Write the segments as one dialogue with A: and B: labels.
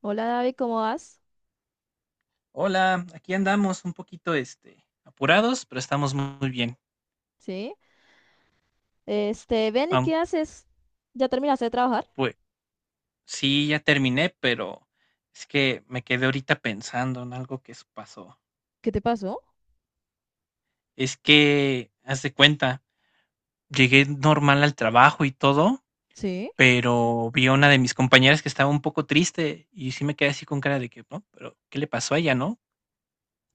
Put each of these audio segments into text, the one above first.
A: Hola David, ¿cómo vas?
B: Hola, aquí andamos un poquito, apurados, pero estamos muy bien.
A: Sí. Este, ven y
B: Am,
A: qué haces. ¿Ya terminaste de trabajar?
B: pues sí, ya terminé, pero es que me quedé ahorita pensando en algo que pasó.
A: ¿Qué te pasó?
B: Es que, haz de cuenta, llegué normal al trabajo y todo,
A: Sí.
B: pero vi a una de mis compañeras que estaba un poco triste y sí me quedé así con cara de que, no, pero ¿qué le pasó a ella, no?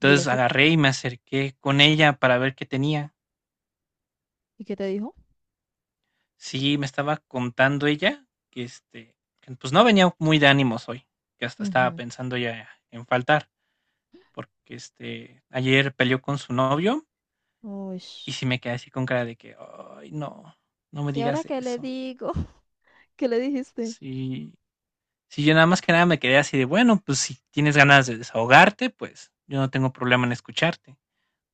A: ¿Y eso?
B: agarré y me acerqué con ella para ver qué tenía.
A: ¿Y qué te dijo?
B: Sí, me estaba contando ella que, que, pues no venía muy de ánimos hoy, que hasta estaba
A: Ujú.
B: pensando ya en faltar, porque ayer peleó con su novio
A: Uy.
B: y sí me quedé así con cara de que, ay, no, no me
A: ¿Y ahora
B: digas
A: qué le
B: eso.
A: digo? ¿Qué le dijiste?
B: Sí, sí, yo nada más que nada me quedé así de, bueno, pues si tienes ganas de desahogarte, pues yo no tengo problema en escucharte.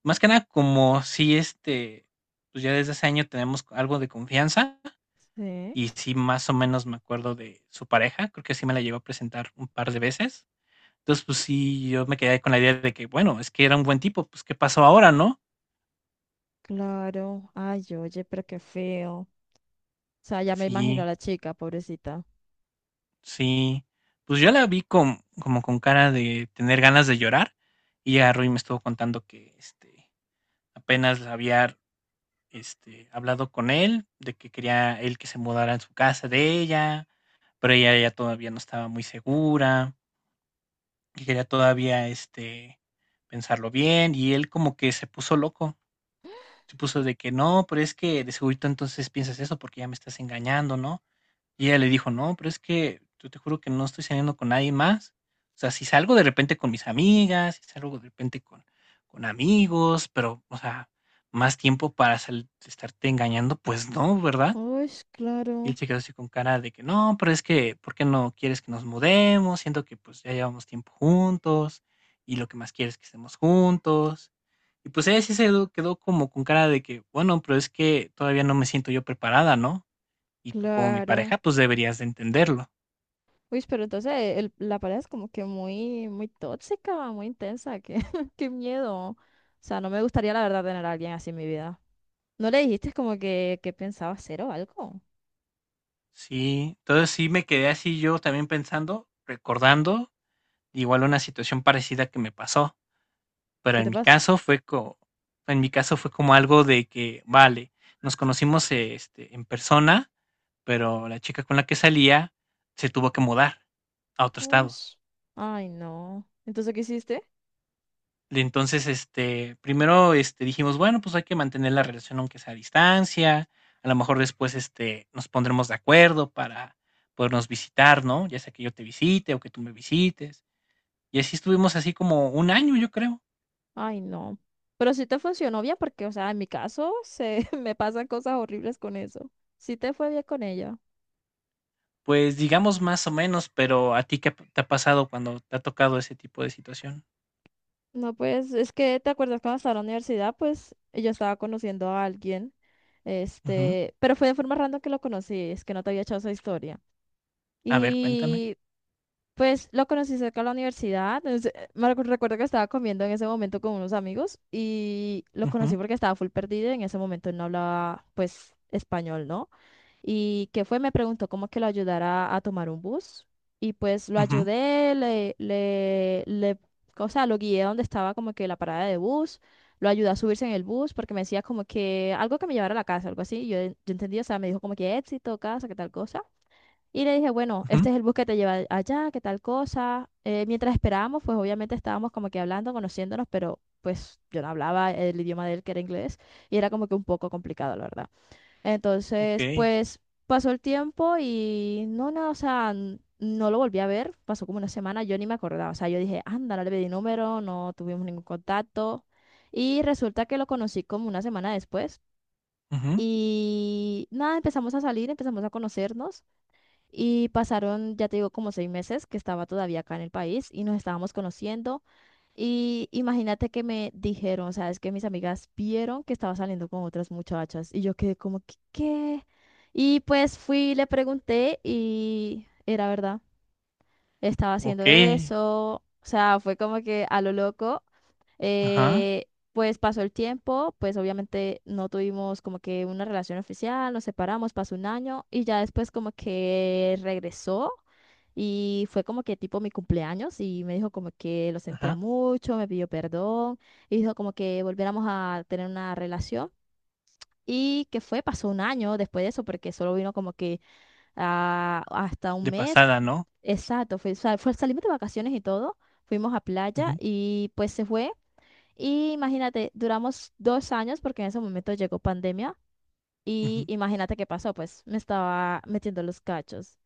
B: Más que nada, como si pues ya desde hace año tenemos algo de confianza.
A: Sí,
B: Y sí, más o menos me acuerdo de su pareja, creo que sí me la llegó a presentar un par de veces. Entonces, pues sí, yo me quedé con la idea de que, bueno, es que era un buen tipo, pues ¿qué pasó ahora, no?
A: claro. Ay, oye, pero qué feo. O sea, ya me imagino a
B: Sí,
A: la chica, pobrecita.
B: sí. Pues yo la vi con, como con cara de tener ganas de llorar y agarró y me estuvo contando que apenas había hablado con él, de que quería él que se mudara en su casa de ella, pero ella ya todavía no estaba muy segura, que quería todavía pensarlo bien y él como que se puso loco, se puso de que no, pero es que de segurito entonces piensas eso porque ya me estás engañando, ¿no? Y ella le dijo, no, pero es que yo te juro que no estoy saliendo con nadie más. O sea, si salgo de repente con mis amigas, si salgo de repente con amigos, pero, o sea, más tiempo para estarte engañando, pues no, ¿verdad?
A: Uy,
B: Y
A: claro,
B: él se quedó así con cara de que no, pero es que, ¿por qué no quieres que nos mudemos? Siento que pues ya llevamos tiempo juntos y lo que más quieres es que estemos juntos. Y pues ella sí se quedó como con cara de que, bueno, pero es que todavía no me siento yo preparada, ¿no? Y tú como mi
A: claro.
B: pareja, pues deberías de entenderlo.
A: Uy, pero entonces la pareja es como que muy, muy tóxica, muy intensa, qué, qué miedo. O sea, no me gustaría la verdad tener a alguien así en mi vida. ¿No le dijiste como que pensaba hacer o algo?
B: Sí, entonces sí me quedé así yo también pensando, recordando igual una situación parecida que me pasó. Pero
A: ¿Qué te
B: en mi
A: pasó?
B: caso fue co en mi caso fue como algo de que, vale, nos conocimos, en persona, pero la chica con la que salía se tuvo que mudar a otro estado.
A: Ush, ay, no. Entonces, ¿qué hiciste?
B: Y entonces, primero, dijimos, bueno, pues hay que mantener la relación aunque sea a distancia, a lo mejor después, nos pondremos de acuerdo para podernos visitar, ¿no? Ya sea que yo te visite o que tú me visites. Y así estuvimos así como un año, yo creo.
A: Ay, no. Pero sí te funcionó bien porque, o sea, en mi caso se me pasan cosas horribles con eso. Sí te fue bien con ella.
B: Pues, digamos más o menos, pero, ¿a ti qué te ha pasado cuando te ha tocado ese tipo de situación?
A: No, pues es que te acuerdas cuando estaba en la universidad, pues yo estaba conociendo a alguien,
B: Ujú.
A: este, pero fue de forma random que lo conocí, es que no te había echado esa historia.
B: A ver, cuéntame.
A: Y pues lo conocí cerca de la universidad. Recuerdo que estaba comiendo en ese momento con unos amigos y lo
B: Ujú,
A: conocí porque estaba full perdido. En ese momento él no hablaba, pues, español, ¿no? Y que fue, me preguntó cómo que lo ayudara a tomar un bus. Y pues lo
B: ujú,
A: ayudé, o sea, lo guié a donde estaba como que la parada de bus. Lo ayudé a subirse en el bus porque me decía como que algo que me llevara a la casa, algo así. Y yo entendí, o sea, me dijo como que éxito, casa, qué tal cosa. Y le dije, bueno, este
B: ujú.
A: es el bus que te lleva allá, qué tal cosa. Mientras esperábamos, pues obviamente estábamos como que hablando, conociéndonos, pero pues yo no hablaba el idioma de él, que era inglés, y era como que un poco complicado, la verdad. Entonces,
B: Okey.
A: pues pasó el tiempo y o sea, no lo volví a ver, pasó como una semana, yo ni me acordaba, o sea, yo dije, anda, no le pedí número, no tuvimos ningún contacto. Y resulta que lo conocí como una semana después.
B: Ujú.
A: Y nada, empezamos a salir, empezamos a conocernos. Y pasaron, ya te digo, como 6 meses que estaba todavía acá en el país y nos estábamos conociendo. Y imagínate que me dijeron, o sea es que mis amigas vieron que estaba saliendo con otras muchachas y yo quedé como, que, ¿qué? Y pues fui, le pregunté y era verdad, estaba haciendo
B: Okey.
A: eso. O sea, fue como que a lo loco,
B: Ajá,
A: eh, pues pasó el tiempo, pues obviamente no tuvimos como que una relación oficial, nos separamos, pasó un año y ya después como que regresó y fue como que tipo mi cumpleaños y me dijo como que lo sentía
B: ajá.
A: mucho, me pidió perdón y dijo como que volviéramos a tener una relación. Y que fue, pasó un año después de eso, porque solo vino como que hasta un
B: De
A: mes.
B: pasada, ¿no?
A: Exacto, fue, salimos de vacaciones y todo, fuimos a playa
B: Ujú,
A: y pues se fue. Y imagínate, duramos 2 años porque en ese momento llegó pandemia y
B: ujú.
A: imagínate qué pasó, pues me estaba metiendo los cachos.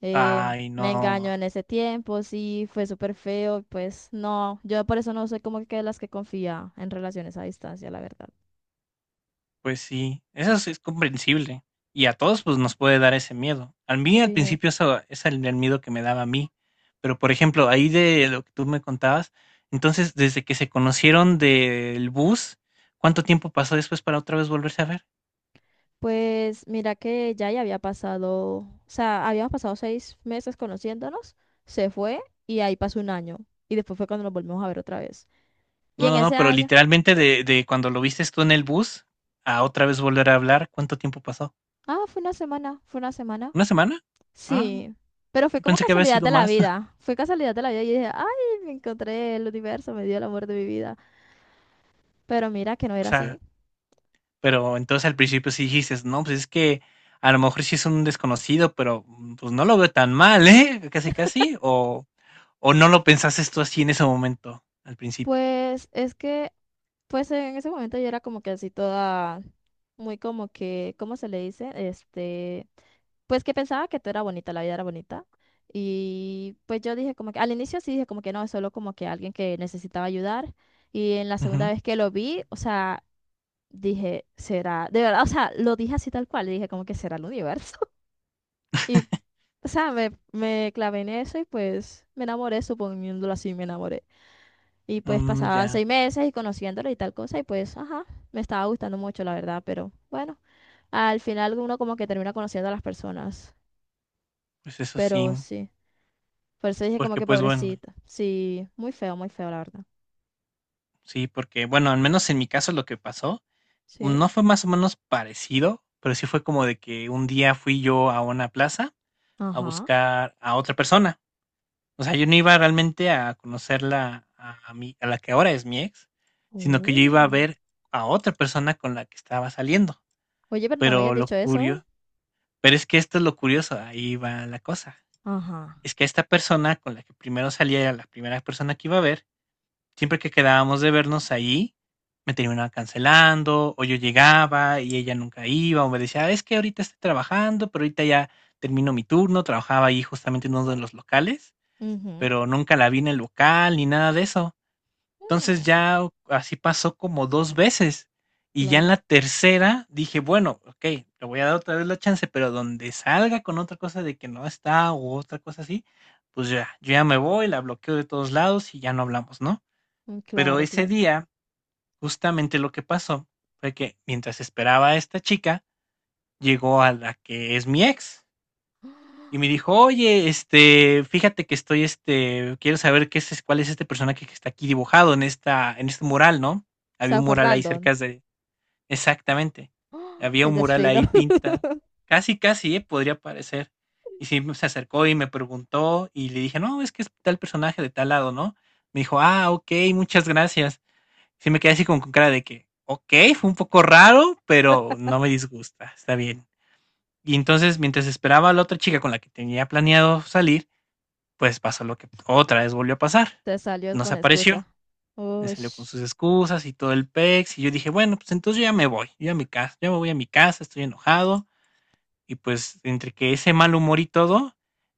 B: Ay,
A: Me engañó
B: no.
A: en ese tiempo, sí, fue súper feo, pues no, yo por eso no soy como que de las que confía en relaciones a distancia, la verdad.
B: Pues sí, eso sí es comprensible. Y a todos pues nos puede dar ese miedo. A mí al
A: Sí,
B: principio eso es el miedo que me daba a mí. Pero por ejemplo, ahí de lo que tú me contabas, entonces desde que se conocieron del bus, ¿cuánto tiempo pasó después para otra vez volverse a ver?
A: pues mira que ya había pasado, o sea, habíamos pasado 6 meses conociéndonos, se fue y ahí pasó un año y después fue cuando nos volvimos a ver otra vez. Y
B: No,
A: en
B: no, no,
A: ese
B: pero
A: año,
B: literalmente de cuando lo viste tú en el bus a otra vez volver a hablar, ¿cuánto tiempo pasó?
A: fue una semana, fue una semana.
B: ¿Una semana? Ah,
A: Sí, pero fue
B: yo
A: como
B: pensé que había
A: casualidad
B: sido
A: de la
B: más.
A: vida. Fue casualidad de la vida y dije, ay, me encontré el universo, me dio el amor de mi vida. Pero mira que no
B: O
A: era así.
B: sea, pero entonces al principio sí dijiste, no, pues es que a lo mejor sí es un desconocido, pero pues no lo veo tan mal, ¿eh? Casi, casi. O no lo pensaste tú así en ese momento, al principio.
A: Pues es que, pues en ese momento yo era como que así toda, muy como que, ¿cómo se le dice? Este, pues que pensaba que todo era bonita, la vida era bonita. Y pues yo dije como que, al inicio sí dije como que no, es solo como que alguien que necesitaba ayudar. Y en la segunda
B: Ujú.
A: vez que lo vi, o sea, dije, será, de verdad, o sea, lo dije así tal cual, dije como que será el universo. Y, o sea, me clavé en eso y pues me enamoré, suponiéndolo así, me enamoré. Y pues
B: Mm,
A: pasaban
B: ya,
A: 6 meses y conociéndolo y tal cosa y pues, ajá, me estaba gustando mucho, la verdad, pero bueno, al final uno como que termina conociendo a las personas,
B: pues eso sí.
A: pero sí. Por eso dije como
B: Porque
A: que
B: pues bueno,
A: pobrecita. Sí, muy feo, la verdad.
B: sí, porque bueno, al menos en mi caso lo que pasó
A: Sí.
B: no fue más o menos parecido, pero sí fue como de que un día fui yo a una plaza a
A: Ajá.
B: buscar a otra persona. O sea, yo no iba realmente a conocerla a la que ahora es mi ex, sino que yo iba a
A: Oh.
B: ver a otra persona con la que estaba saliendo.
A: Oye, pero no me hayas
B: Pero lo
A: dicho eso, ¿eh?
B: curio Pero es que esto es lo curioso, ahí va la cosa.
A: Ajá.
B: Es que esta persona con la que primero salía, era la primera persona que iba a ver, siempre que quedábamos de vernos allí, me terminaba cancelando, o yo llegaba y ella nunca iba, o me decía, "Ah, es que ahorita estoy trabajando, pero ahorita ya termino mi turno", trabajaba ahí justamente en uno de los locales,
A: Ujú.
B: pero nunca la vi en el local ni nada de eso. Entonces
A: Mm.
B: ya así pasó como dos veces. Y ya en
A: Claro,
B: la tercera dije, bueno, ok, le voy a dar otra vez la chance, pero donde salga con otra cosa de que no está o otra cosa así, pues ya, yo ya me voy, la bloqueo de todos lados y ya no hablamos, ¿no?
A: mm,
B: Pero
A: claro,
B: ese
A: claro.
B: día, justamente lo que pasó fue que mientras esperaba a esta chica, llegó a la que es mi ex y me dijo, oye, fíjate que estoy, quiero saber qué es, cuál es este personaje que está aquí dibujado en esta, en este mural, ¿no?
A: O
B: Había
A: sea,
B: un
A: fue
B: mural ahí
A: random.
B: cerca de, exactamente,
A: ¡Ah!
B: había
A: El
B: un mural
A: destino.
B: ahí pinta, casi, casi, podría parecer. Y sí, se acercó y me preguntó y le dije, no, es que es tal personaje de tal lado, ¿no? Me dijo, ah, ok, muchas gracias. Sí me quedé así como con cara de que, ok, fue un poco raro, pero no me disgusta, está bien. Y entonces, mientras esperaba a la otra chica con la que tenía planeado salir, pues pasó lo que otra vez volvió a pasar.
A: Te salió
B: No se
A: con
B: apareció,
A: excusa.
B: me
A: Uy,
B: salió con sus excusas y todo el pex. Y yo dije, bueno, pues entonces yo ya me voy, yo a mi casa, yo me voy a mi casa, estoy enojado. Y pues entre que ese mal humor y todo,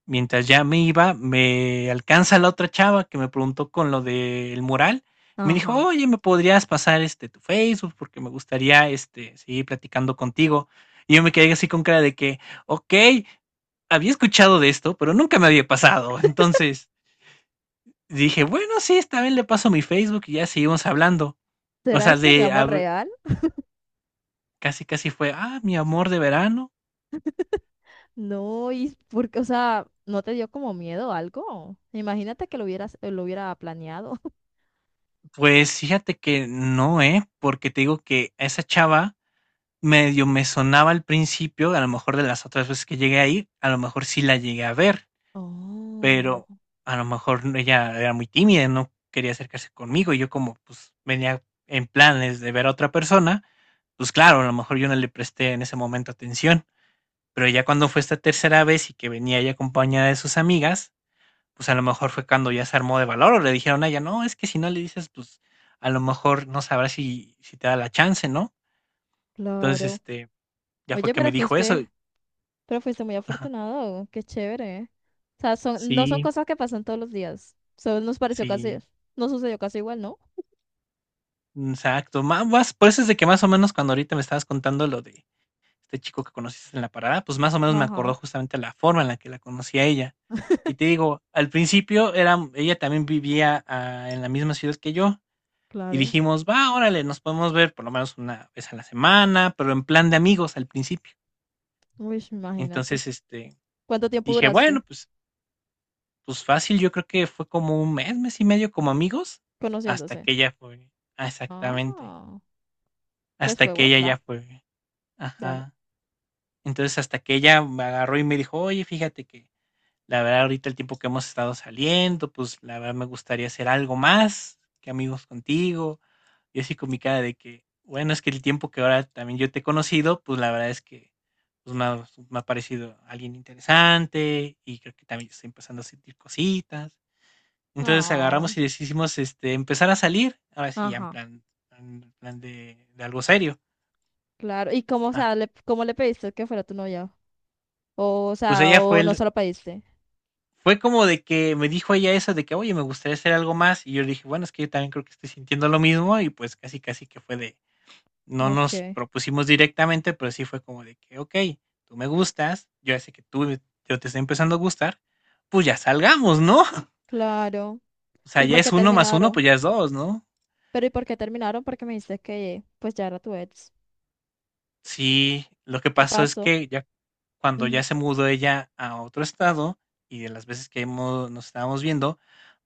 B: mientras ya me iba, me alcanza la otra chava que me preguntó con lo del mural. Me dijo,
A: ajá.
B: oye, ¿me podrías pasar tu Facebook? Porque me gustaría seguir platicando contigo. Y yo me quedé así con cara de que, ok, había escuchado de esto, pero nunca me había pasado. Entonces dije, bueno, sí, esta vez le paso mi Facebook y ya seguimos hablando. O
A: ¿Será
B: sea,
A: ese mi
B: de a
A: amor
B: ver,
A: real?
B: casi casi fue, ah, mi amor de verano.
A: No, y porque, o sea, ¿no te dio como miedo o algo? Imagínate que lo hubieras, lo hubiera planeado.
B: Pues fíjate que no, ¿eh? Porque te digo que a esa chava medio me sonaba al principio, a lo mejor de las otras veces que llegué a ir, a lo mejor sí la llegué a ver,
A: Oh,
B: pero a lo mejor ella era muy tímida, no quería acercarse conmigo y yo como pues venía en planes de ver a otra persona, pues claro, a lo mejor yo no le presté en ese momento atención, pero ya cuando fue esta tercera vez y que venía ella acompañada de sus amigas, pues, a lo mejor fue cuando ya se armó de valor, o le dijeron a ella: "No, es que si no le dices, pues, a lo mejor no sabrás si te da la chance", ¿no? Entonces,
A: claro.
B: ya fue
A: Oye,
B: que me
A: pero
B: dijo eso
A: fuiste, muy
B: ajá.
A: afortunado. Qué chévere, ¿eh? O sea, son, no son
B: Sí,
A: cosas que pasan todos los días. Solo nos pareció casi,
B: sí,
A: nos sucedió casi igual, ¿no?
B: exacto. Ma Más por eso es de que más o menos cuando ahorita me estabas contando lo de este chico que conociste en la parada, pues, más o menos me
A: Ajá,
B: acordó justamente la forma en la que la conocí a ella. Y te digo, al principio era ella también vivía, ah, en la misma ciudad que yo. Y
A: claro.
B: dijimos, va, órale, nos podemos ver por lo menos una vez a la semana, pero en plan de amigos al principio.
A: Uy, imagínate.
B: Entonces,
A: ¿Cuánto tiempo
B: dije,
A: duraste
B: bueno, pues, pues fácil, yo creo que fue como un mes, mes y medio como amigos, hasta
A: conociéndose?
B: que ella fue, ah, exactamente,
A: Ah, pues
B: hasta
A: fue
B: que
A: buen
B: ella ya
A: plan.
B: fue,
A: Dale.
B: ajá. Entonces, hasta que ella me agarró y me dijo, oye, fíjate que la verdad ahorita el tiempo que hemos estado saliendo, pues la verdad me gustaría hacer algo más que amigos contigo. Yo así con mi cara de que, bueno, es que el tiempo que ahora también yo te he conocido, pues la verdad es que pues, me ha parecido alguien interesante y creo que también estoy empezando a sentir cositas. Entonces
A: Ah,
B: agarramos y decidimos empezar a salir, ahora sí, ya
A: ajá,
B: en plan de algo serio.
A: claro. ¿Y cómo, o
B: Ah,
A: sea, le, cómo le pediste que fuera tu novia? O
B: pues
A: sea,
B: ella fue
A: o no
B: el,
A: se lo pediste.
B: fue como de que me dijo ella eso de que, oye, me gustaría hacer algo más. Y yo le dije, bueno, es que yo también creo que estoy sintiendo lo mismo. Y pues casi que fue de, no
A: Ok,
B: nos propusimos directamente, pero sí fue como de que: "Okey, tú me gustas, yo ya sé que tú yo te estoy empezando a gustar, pues ya salgamos", ¿no?
A: claro.
B: O sea,
A: ¿Y
B: ya
A: por qué
B: es uno más uno,
A: terminaron?
B: pues ya es dos, ¿no?
A: Pero ¿y por qué terminaron? Porque me dijiste que pues ya era tu ex.
B: Sí, lo que
A: ¿Qué
B: pasó es
A: pasó?
B: que ya cuando ya
A: Ujú.
B: se mudó ella a otro estado, y de las veces que hemos nos estábamos viendo,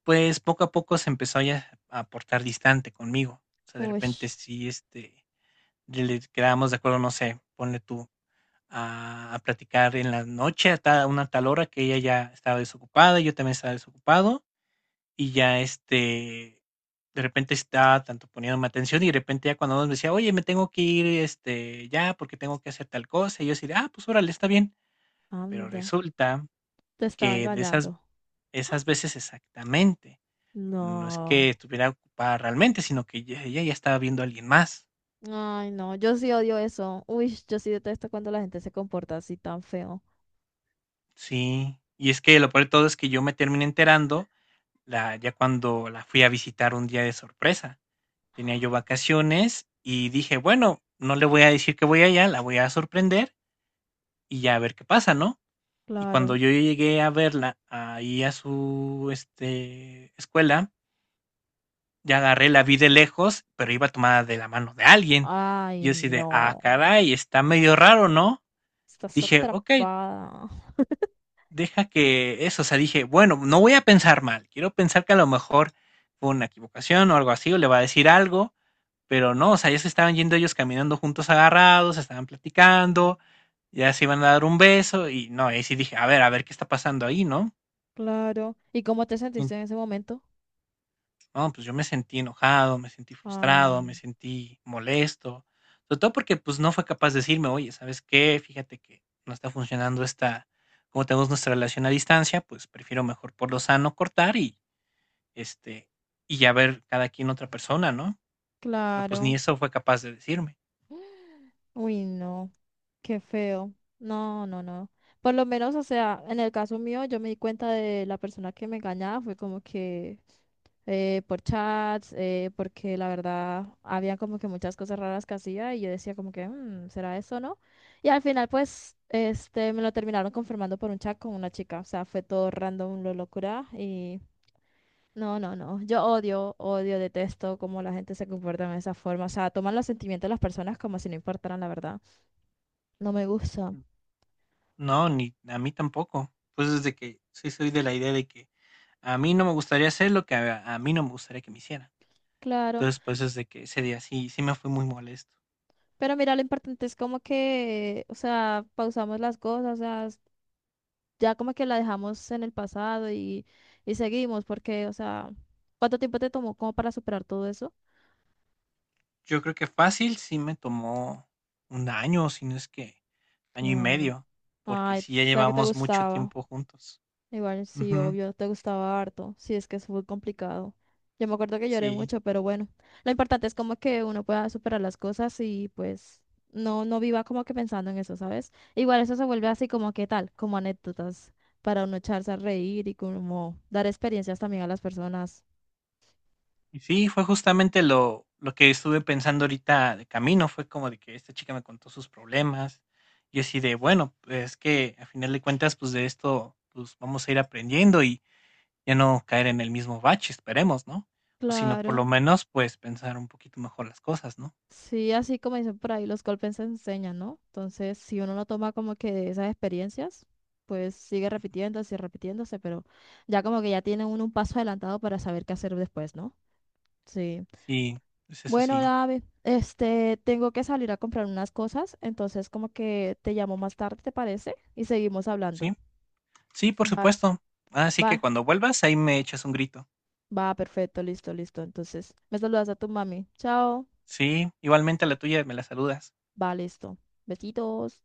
B: pues poco a poco se empezó ya a portar distante conmigo. O sea, de
A: Uy,
B: repente sí, le quedábamos de acuerdo, no sé, ponle tú a platicar en la noche a ta una tal hora que ella ya estaba desocupada, yo también estaba desocupado, y ya, de repente estaba tanto poniéndome atención y de repente ya cuando me decía: "Oye, me tengo que ir, ya porque tengo que hacer tal cosa", y yo decía: "Ah, pues órale, está bien". Pero
A: anda.
B: resulta
A: Te estaba
B: que de esas
A: engañando.
B: esas veces exactamente, no es que
A: No.
B: estuviera ocupada realmente, sino que ya ella ya estaba viendo a alguien más.
A: Ay, no, yo sí odio eso. Uy, yo sí detesto cuando la gente se comporta así tan feo.
B: Sí, y es que lo peor de todo es que yo me terminé enterando La ya cuando la fui a visitar un día de sorpresa. Tenía yo vacaciones y dije: "Bueno, no le voy a decir que voy allá, la voy a sorprender y ya a ver qué pasa", ¿no? Y cuando
A: Claro.
B: yo llegué a verla ahí a su, escuela, ya agarré, la vi de lejos, pero iba tomada de la mano de alguien.
A: Ay,
B: Yo así de: "Ah,
A: no.
B: caray, está medio raro, ¿no?".
A: Estás
B: Dije: "Okey,
A: atrapada.
B: deja que eso", o sea, dije: "Bueno, no voy a pensar mal, quiero pensar que a lo mejor fue una equivocación o algo así, o le va a decir algo". Pero no, o sea, ya se estaban yendo ellos caminando juntos agarrados, estaban platicando, ya se iban a dar un beso y no, ahí sí dije, a ver qué está pasando ahí, ¿no?
A: Claro. ¿Y cómo te
B: Y
A: sentiste en ese momento?
B: no, pues yo me sentí enojado, me sentí frustrado, me
A: Ay.
B: sentí molesto, sobre todo porque pues no fue capaz de decirme, oye, ¿sabes qué? Fíjate que no está funcionando esta, como tenemos nuestra relación a distancia, pues prefiero mejor por lo sano cortar y este, y ya ver cada quien otra persona, ¿no? Pero pues ni
A: Claro.
B: eso fue capaz de decirme.
A: Uy, no. Qué feo. No, no, no. Por lo menos, o sea, en el caso mío, yo me di cuenta de la persona que me engañaba, fue como que por chats, porque la verdad había como que muchas cosas raras que hacía y yo decía como que, "Mm, ¿será eso o no?" Y al final pues este, me lo terminaron confirmando por un chat con una chica, o sea, fue todo random, lo locura y no, no, no, yo odio, odio, detesto cómo la gente se comporta de esa forma, o sea, toman los sentimientos de las personas como si no importaran, la verdad, no me gusta,
B: No, ni a mí tampoco. Pues desde que sí soy de la idea de que a mí no me gustaría hacer lo que a mí no me gustaría que me hicieran.
A: claro.
B: Entonces, pues desde que ese día sí, sí me fue muy molesto.
A: Pero mira, lo importante es como que, o sea, pausamos las cosas, o sea, ya como que la dejamos en el pasado y seguimos, porque, o sea, ¿cuánto tiempo te tomó como para superar todo eso?
B: Yo creo que fácil sí me tomó 1 año, si no es que año y
A: Claro.
B: medio, porque
A: Ay, o
B: sí ya
A: sea que te
B: llevamos mucho
A: gustaba.
B: tiempo juntos.
A: Igual sí,
B: Ujú,
A: obvio, te gustaba harto. Sí, es que es muy complicado. Yo me acuerdo que lloré
B: sí.
A: mucho, pero bueno, lo importante es como que uno pueda superar las cosas y pues no viva como que pensando en eso, ¿sabes? Igual eso se vuelve así como que tal, como anécdotas para uno echarse a reír y como dar experiencias también a las personas.
B: Y sí, fue justamente lo que estuve pensando ahorita de camino, fue como de que esta chica me contó sus problemas, y así de, bueno, pues es que a final de cuentas, pues de esto, pues vamos a ir aprendiendo y ya no caer en el mismo bache, esperemos, ¿no? O si no, por lo
A: Claro.
B: menos, pues pensar un poquito mejor las cosas, ¿no?
A: Sí, así como dicen por ahí, los golpes se enseñan, ¿no? Entonces, si uno no toma como que de esas experiencias, pues sigue repitiéndose y repitiéndose, pero ya como que ya tiene uno un paso adelantado para saber qué hacer después, ¿no? Sí.
B: Sí, es eso
A: Bueno,
B: sí,
A: Dave, este, tengo que salir a comprar unas cosas, entonces como que te llamo más tarde, ¿te parece? Y seguimos
B: sí,
A: hablando.
B: sí, por
A: Va,
B: supuesto. Así
A: va,
B: que cuando vuelvas, ahí me echas un grito.
A: va, perfecto, listo, listo. Entonces, me saludas a tu mami. Chao.
B: Sí, igualmente a la tuya me la saludas.
A: Va, listo. Besitos.